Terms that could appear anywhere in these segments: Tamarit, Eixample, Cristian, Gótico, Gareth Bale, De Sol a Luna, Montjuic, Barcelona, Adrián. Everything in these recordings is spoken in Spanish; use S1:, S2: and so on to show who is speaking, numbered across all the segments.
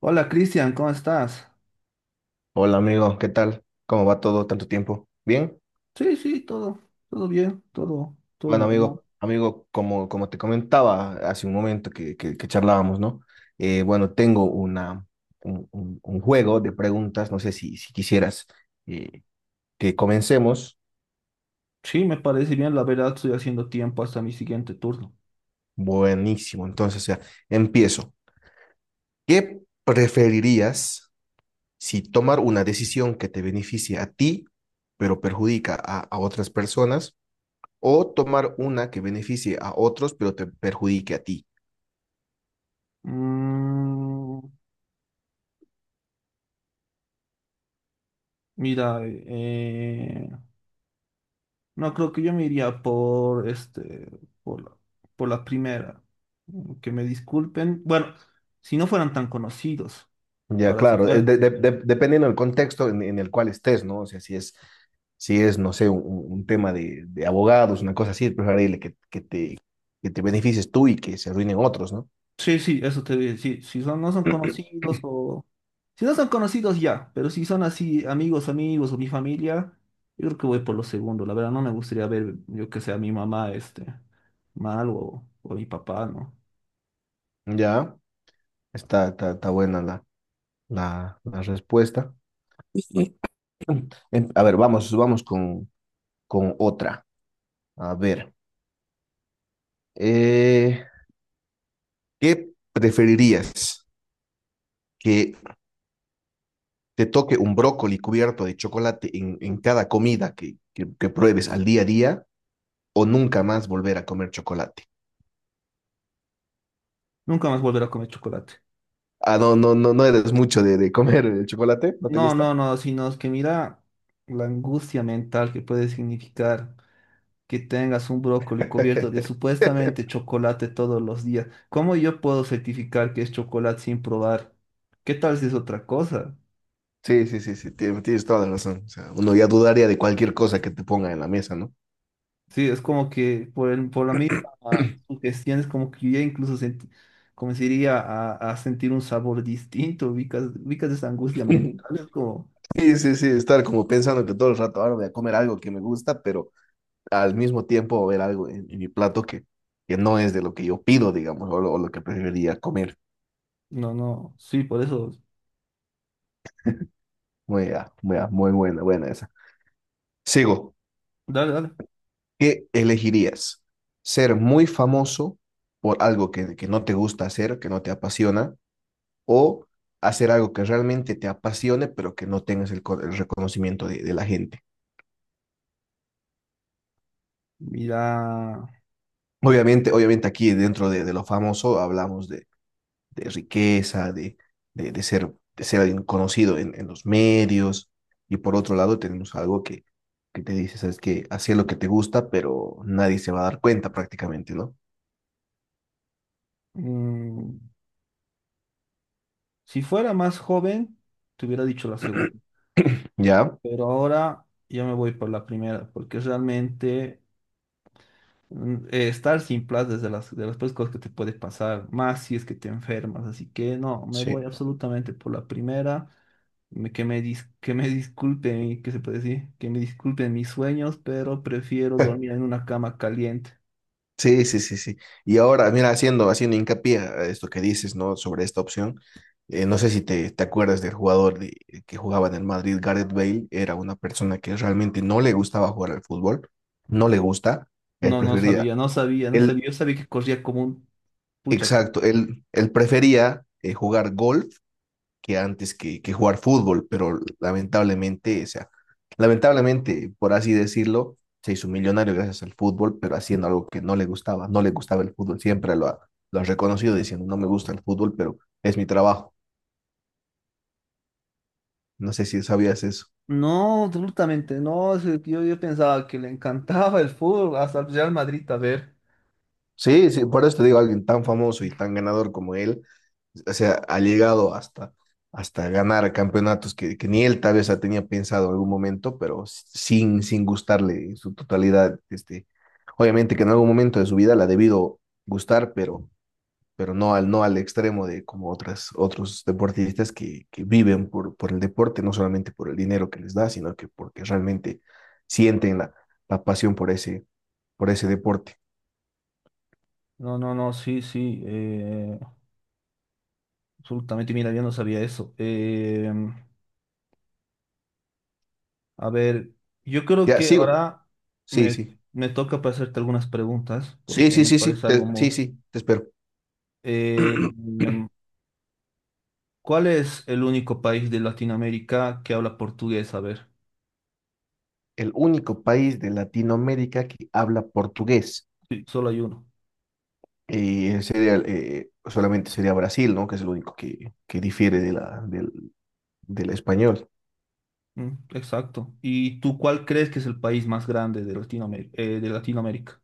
S1: Hola Cristian, ¿cómo estás?
S2: Hola amigo, ¿qué tal? ¿Cómo va todo? ¿Tanto tiempo? ¿Bien?
S1: Sí, sí, todo, todo bien, todo, todo
S2: Bueno
S1: normal.
S2: amigo, como te comentaba hace un momento que charlábamos, ¿no? Bueno, tengo un juego de preguntas, no sé si quisieras eh, que comencemos.
S1: Sí, me parece bien, la verdad estoy haciendo tiempo hasta mi siguiente turno.
S2: Buenísimo, entonces, o sea, empiezo. ¿Qué preferirías si tomar una decisión que te beneficie a ti, pero perjudica a otras personas, o tomar una que beneficie a otros, pero te perjudique a ti?
S1: Mm, mira, no creo que yo me iría por este, por la, por la primera. Mm, que me disculpen. Bueno, si no fueran tan conocidos.
S2: Ya,
S1: Ahora si
S2: claro,
S1: fuera.
S2: dependiendo del contexto en el cual estés, ¿no? O sea, si es, no sé, tema de abogados, una cosa así, es preferible que te beneficies tú y que se arruinen otros, ¿no?
S1: Sí, sí, eso te voy a decir. ¿Si son, no son conocidos o si no son conocidos ya? Pero si son así amigos, amigos o mi familia, yo creo que voy por lo segundo. La verdad no me gustaría ver, yo que sea a mi mamá este mal o a mi papá, ¿no?
S2: Ya, está buena la respuesta. Ujú. A ver, vamos con otra. A ver, eh, ¿qué preferirías? ¿Que te toque un brócoli cubierto de chocolate en cada comida que pruebes al día a día? O nunca más volver a comer chocolate.
S1: Nunca más volver a comer chocolate.
S2: Ah, no eres mucho de comer el chocolate, ¿no te
S1: No,
S2: gusta?
S1: no, no, sino es que mira la angustia mental que puede significar que tengas un brócoli cubierto de supuestamente chocolate todos los días. ¿Cómo yo puedo certificar que es chocolate sin probar? ¿Qué tal si es otra cosa?
S2: Sí, tienes toda la razón. O sea, uno ya dudaría de cualquier cosa que te ponga en la mesa, ¿no?
S1: Sí, es como que por, por la misma sugestión es como que yo ya incluso sentí, comenzaría a sentir un sabor distinto, ubicas, ubicas esa angustia mental, es como,
S2: Sí, estar como pensando que todo el rato ahora voy a comer algo que me gusta, pero al mismo tiempo ver algo en mi plato que no es de lo que yo pido, digamos, o lo que preferiría comer.
S1: no, no, sí, por eso,
S2: Muy buena, buena esa. Sigo.
S1: dale, dale.
S2: ¿Qué elegirías? ¿Ser muy famoso por algo que no te gusta hacer, que no te apasiona, o hacer algo que realmente te apasione, pero que no tengas el reconocimiento de la gente?
S1: Mira,
S2: Obviamente, obviamente aquí dentro de lo famoso hablamos de riqueza, de ser alguien conocido en los medios, y por otro lado tenemos algo que te dice, sabes que hacer lo que te gusta, pero nadie se va a dar cuenta prácticamente, ¿no?
S1: mm, si fuera más joven, te hubiera dicho la segunda,
S2: ¿Ya?
S1: pero ahora yo me voy por la primera, porque realmente mm, estar sin plata es de las peores cosas que te puede pasar, más si es que te enfermas. Así que no, me
S2: Sí.
S1: voy absolutamente por la primera. Que me disculpen, ¿qué se puede decir? Que me disculpen mis sueños, pero prefiero dormir en una cama caliente.
S2: Sí, sí, sí, sí. Y ahora, mira, haciendo hincapié a esto que dices, ¿no? Sobre esta opción, no sé si te acuerdas del que jugaba en el Madrid, Gareth Bale, era una persona que realmente no le gustaba jugar al fútbol, no le gusta, él
S1: No, no
S2: prefería,
S1: sabía, no sabía, no sabía.
S2: él,
S1: Yo sabía que corría como un pucha.
S2: exacto, él prefería jugar golf que antes que jugar fútbol, pero lamentablemente, o sea, lamentablemente, por así decirlo, se hizo millonario gracias al fútbol, pero haciendo algo que no le gustaba, no le gustaba el fútbol, lo ha reconocido diciendo, no me gusta el fútbol, pero es mi trabajo. No sé si sabías eso.
S1: No, absolutamente no. Es que yo pensaba que le encantaba el fútbol, hasta el Real Madrid, a ver.
S2: Sí, sí, por eso te digo, alguien tan famoso y tan ganador como él, o sea, ha llegado hasta, hasta ganar campeonatos que ni él tal vez tenía pensado en algún momento, pero sin gustarle en su totalidad. Este, obviamente que en algún momento de su vida la ha debido gustar, pero no al, no al extremo de como otras, otros deportistas que viven por el deporte, no solamente por el dinero que les da, sino que porque realmente sienten la pasión por ese deporte.
S1: No, no, no, sí, sí. Absolutamente, mira, yo no sabía eso. A ver, yo creo
S2: Ya,
S1: que
S2: sigo.
S1: ahora
S2: Sí,
S1: me,
S2: sí.
S1: me toca para hacerte algunas preguntas, porque me parece algo
S2: Sí,
S1: muy...
S2: sí, te espero.
S1: Eh, ¿cuál es el único país de Latinoamérica que habla portugués? A ver,
S2: El único país de Latinoamérica que habla portugués
S1: sí, solo hay uno.
S2: sería, solamente sería Brasil, ¿no? Que es el único que difiere de del, del español.
S1: Mm, exacto. ¿Y tú cuál crees que es el país más grande de Latinoamérica? ¿De Latinoamérica?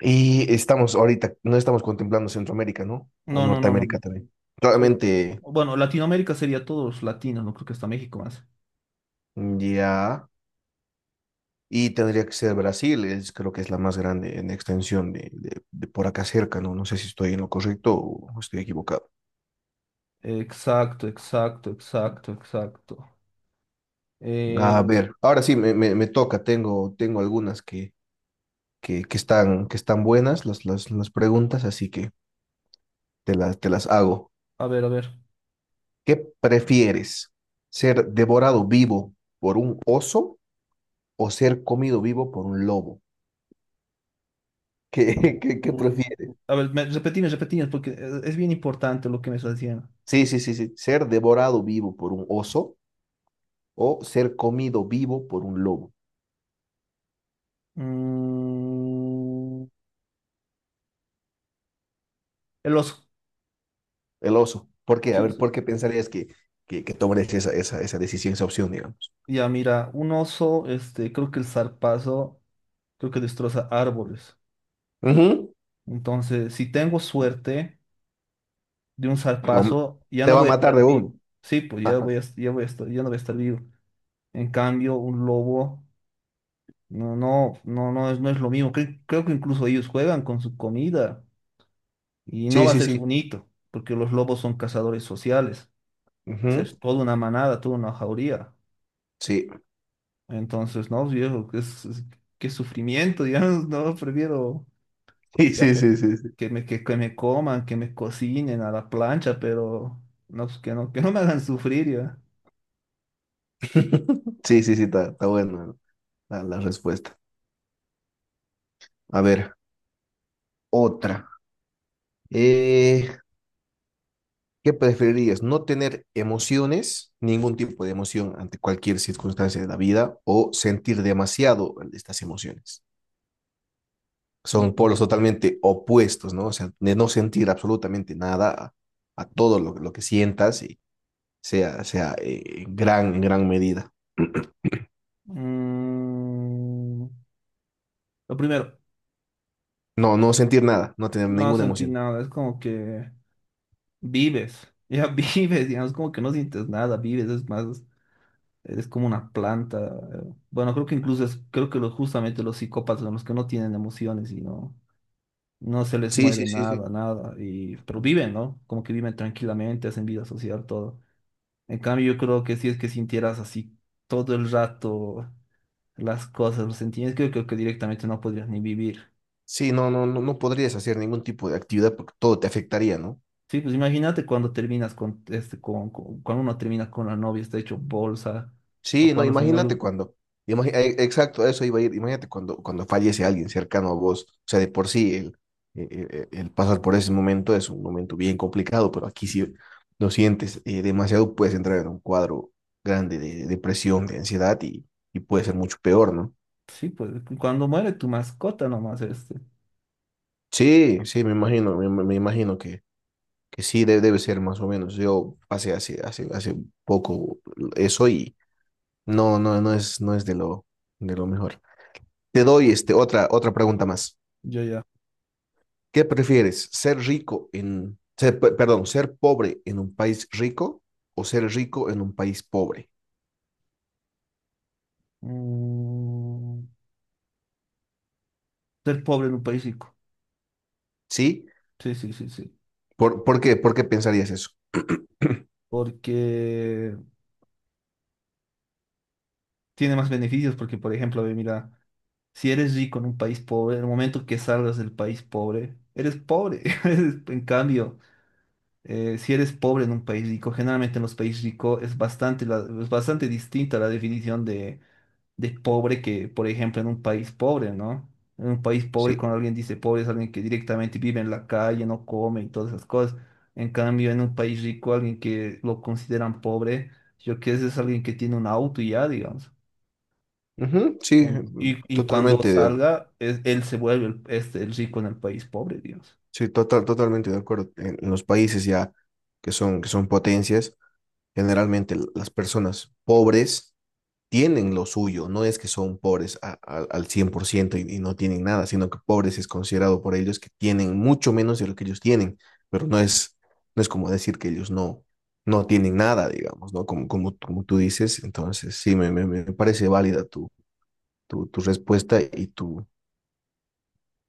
S2: Y estamos ahorita, no estamos contemplando Centroamérica, ¿no? O
S1: No, no, no, no.
S2: Norteamérica
S1: No.
S2: también.
S1: Solo-
S2: Claramente,
S1: bueno, Latinoamérica sería todos los latinos, no creo que hasta México más.
S2: ya, y tendría que ser Brasil, es, creo que es la más grande en extensión de por acá cerca, ¿no? No sé si estoy en lo correcto o estoy equivocado.
S1: Exacto, exacto, exacto, exacto.
S2: A
S1: Eh,
S2: ver, ahora sí me toca, tengo algunas que están buenas las preguntas, así que te las hago.
S1: a ver, a ver.
S2: ¿Qué prefieres? ¿Ser devorado vivo por un oso o ser comido vivo por un lobo? ¿Qué, qué, qué
S1: Mm,
S2: prefieres?
S1: a ver, me, repetime, repetime, porque es bien importante lo que me estás diciendo.
S2: Sí, sí, sí, sí. ¿Ser devorado vivo por un oso o ser comido vivo por un lobo?
S1: Mm, el oso.
S2: El oso. ¿Por qué? A
S1: Sí,
S2: ver,
S1: sí.
S2: ¿por qué pensarías que tomarías esa, esa, esa decisión, esa opción, digamos?
S1: Ya, mira, un oso, este, creo que el zarpazo, creo que destroza árboles.
S2: Ujú.
S1: Entonces, si tengo suerte de un
S2: Te va a ma-
S1: zarpazo, ya no
S2: Te va
S1: voy
S2: a
S1: a estar
S2: matar de
S1: vivo.
S2: uno.
S1: Sí, pues
S2: Ajá.
S1: ya voy a estar, ya no voy a estar vivo. En cambio, un lobo, no, no, no, no es, no es lo mismo. Creo que incluso ellos juegan con su comida. Y no
S2: Sí,
S1: va a
S2: sí,
S1: ser
S2: sí.
S1: un hito, porque los lobos son cazadores sociales. Va a
S2: Ujú.
S1: ser toda una manada, toda una jauría.
S2: Sí.
S1: Entonces, no, viejo, qué, qué sufrimiento, digamos, no, prefiero
S2: Sí,
S1: ya
S2: sí, sí,
S1: por-
S2: sí. Sí,
S1: que me coman, que me cocinen a la plancha, pero no, pues, que no me hagan sufrir, ya.
S2: sí, sí, sí, está, está bueno la respuesta. A ver, otra. Eh, ¿Qué preferirías? ¿No tener emociones, ningún tipo de emoción ante cualquier circunstancia de la vida o sentir demasiado estas emociones? Son
S1: Mm,
S2: polos totalmente opuestos, ¿no? O sea, de no sentir absolutamente nada a, a todo lo que sientas y sea, sea en gran medida.
S1: mm, lo primero,
S2: No, no sentir nada, no tener
S1: no
S2: ninguna
S1: sentí
S2: emoción.
S1: nada, es como que vives, ya vives, digamos, como que no sientes nada, vives, es más. Eres como una planta. Bueno, creo que incluso es, creo que justamente los psicópatas son los que no tienen emociones y no, no se les
S2: Sí,
S1: mueve
S2: sí, sí, sí.
S1: nada, nada. Y, pero viven, ¿no? Como que viven tranquilamente, hacen vida social, todo. En cambio, yo creo que si es que sintieras así todo el rato las cosas, los sentimientos, creo, creo que directamente no podrías ni vivir.
S2: Sí, no, no, no, no podrías hacer ningún tipo de actividad porque todo te afectaría, ¿no?
S1: Sí, pues imagínate cuando terminas con este, cuando uno termina con la novia, está hecho bolsa, o
S2: Sí, no,
S1: cuando se muere,
S2: imagínate cuando, exacto, a eso iba a ir, imagínate cuando, cuando fallece alguien cercano a vos, o sea, de por sí el pasar por ese momento es un momento bien complicado, pero aquí si lo sientes demasiado puedes entrar en un cuadro grande de depresión, de ansiedad y puede ser mucho peor, ¿no?
S1: sí, pues cuando muere tu mascota nomás, este,
S2: Sí, sí, me imagino, me, me me imagino que sí debe ser más o menos. Yo pasé hace poco eso y no, no, no es de lo mejor. Te doy este, otra, otra pregunta más.
S1: yo ya.
S2: ¿Qué prefieres? ¿Ser rico en, ser, pe- Perdón, ¿ser pobre en un país rico o ser rico en un país pobre?
S1: Mm, ser pobre en un país rico.
S2: ¿Sí?
S1: Sí, sí, sí, sí.
S2: Por qué? ¿Por qué pensarías eso?
S1: Porque tiene más beneficios, porque por ejemplo, ve, mira, si eres rico en un país pobre, en el momento que salgas del país pobre, eres pobre. Eres- en cambio, si eres pobre en un país rico, generalmente en los países ricos es bastante, es bastante distinta la definición de pobre que, por ejemplo, en un país pobre, ¿no? En un país pobre,
S2: Sí.
S1: cuando alguien dice pobre, es alguien que directamente vive en la calle, no come y todas esas cosas. En cambio, en un país rico, alguien que lo consideran pobre, yo qué sé, es alguien que tiene un auto y ya, digamos.
S2: Ujú, sí,
S1: Y cuando
S2: totalmente de acuerdo.
S1: salga, es- él se vuelve el, este, el rico en el país pobre, digamos.
S2: Sí, total, totalmente de acuerdo. En los países ya que son potencias, generalmente las personas pobres tienen lo suyo, no es que son pobres al 100% y no tienen nada, sino que pobres es considerado por ellos que tienen mucho menos de lo que ellos tienen, pero no es, no es como decir que ellos no, no tienen nada, digamos, ¿no? Como, como, como tú dices, entonces sí, me parece válida tu, tu, tu respuesta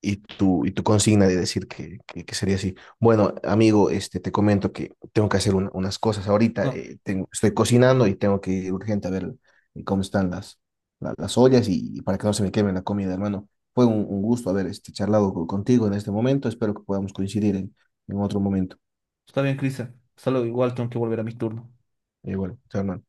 S2: y tu consigna de decir que sería así. Bueno, amigo, este, te comento que tengo que hacer unas cosas ahorita.
S1: No,
S2: Estoy cocinando y tengo que ir urgente a ver cómo están las ollas y para que no se me queme la comida, hermano. Fue un gusto haber este, charlado contigo en este momento. Espero que podamos coincidir en otro momento.
S1: está bien, Cristian. Hasta luego, igual tengo que volver a mi turno.
S2: Y bueno, chao, hermano.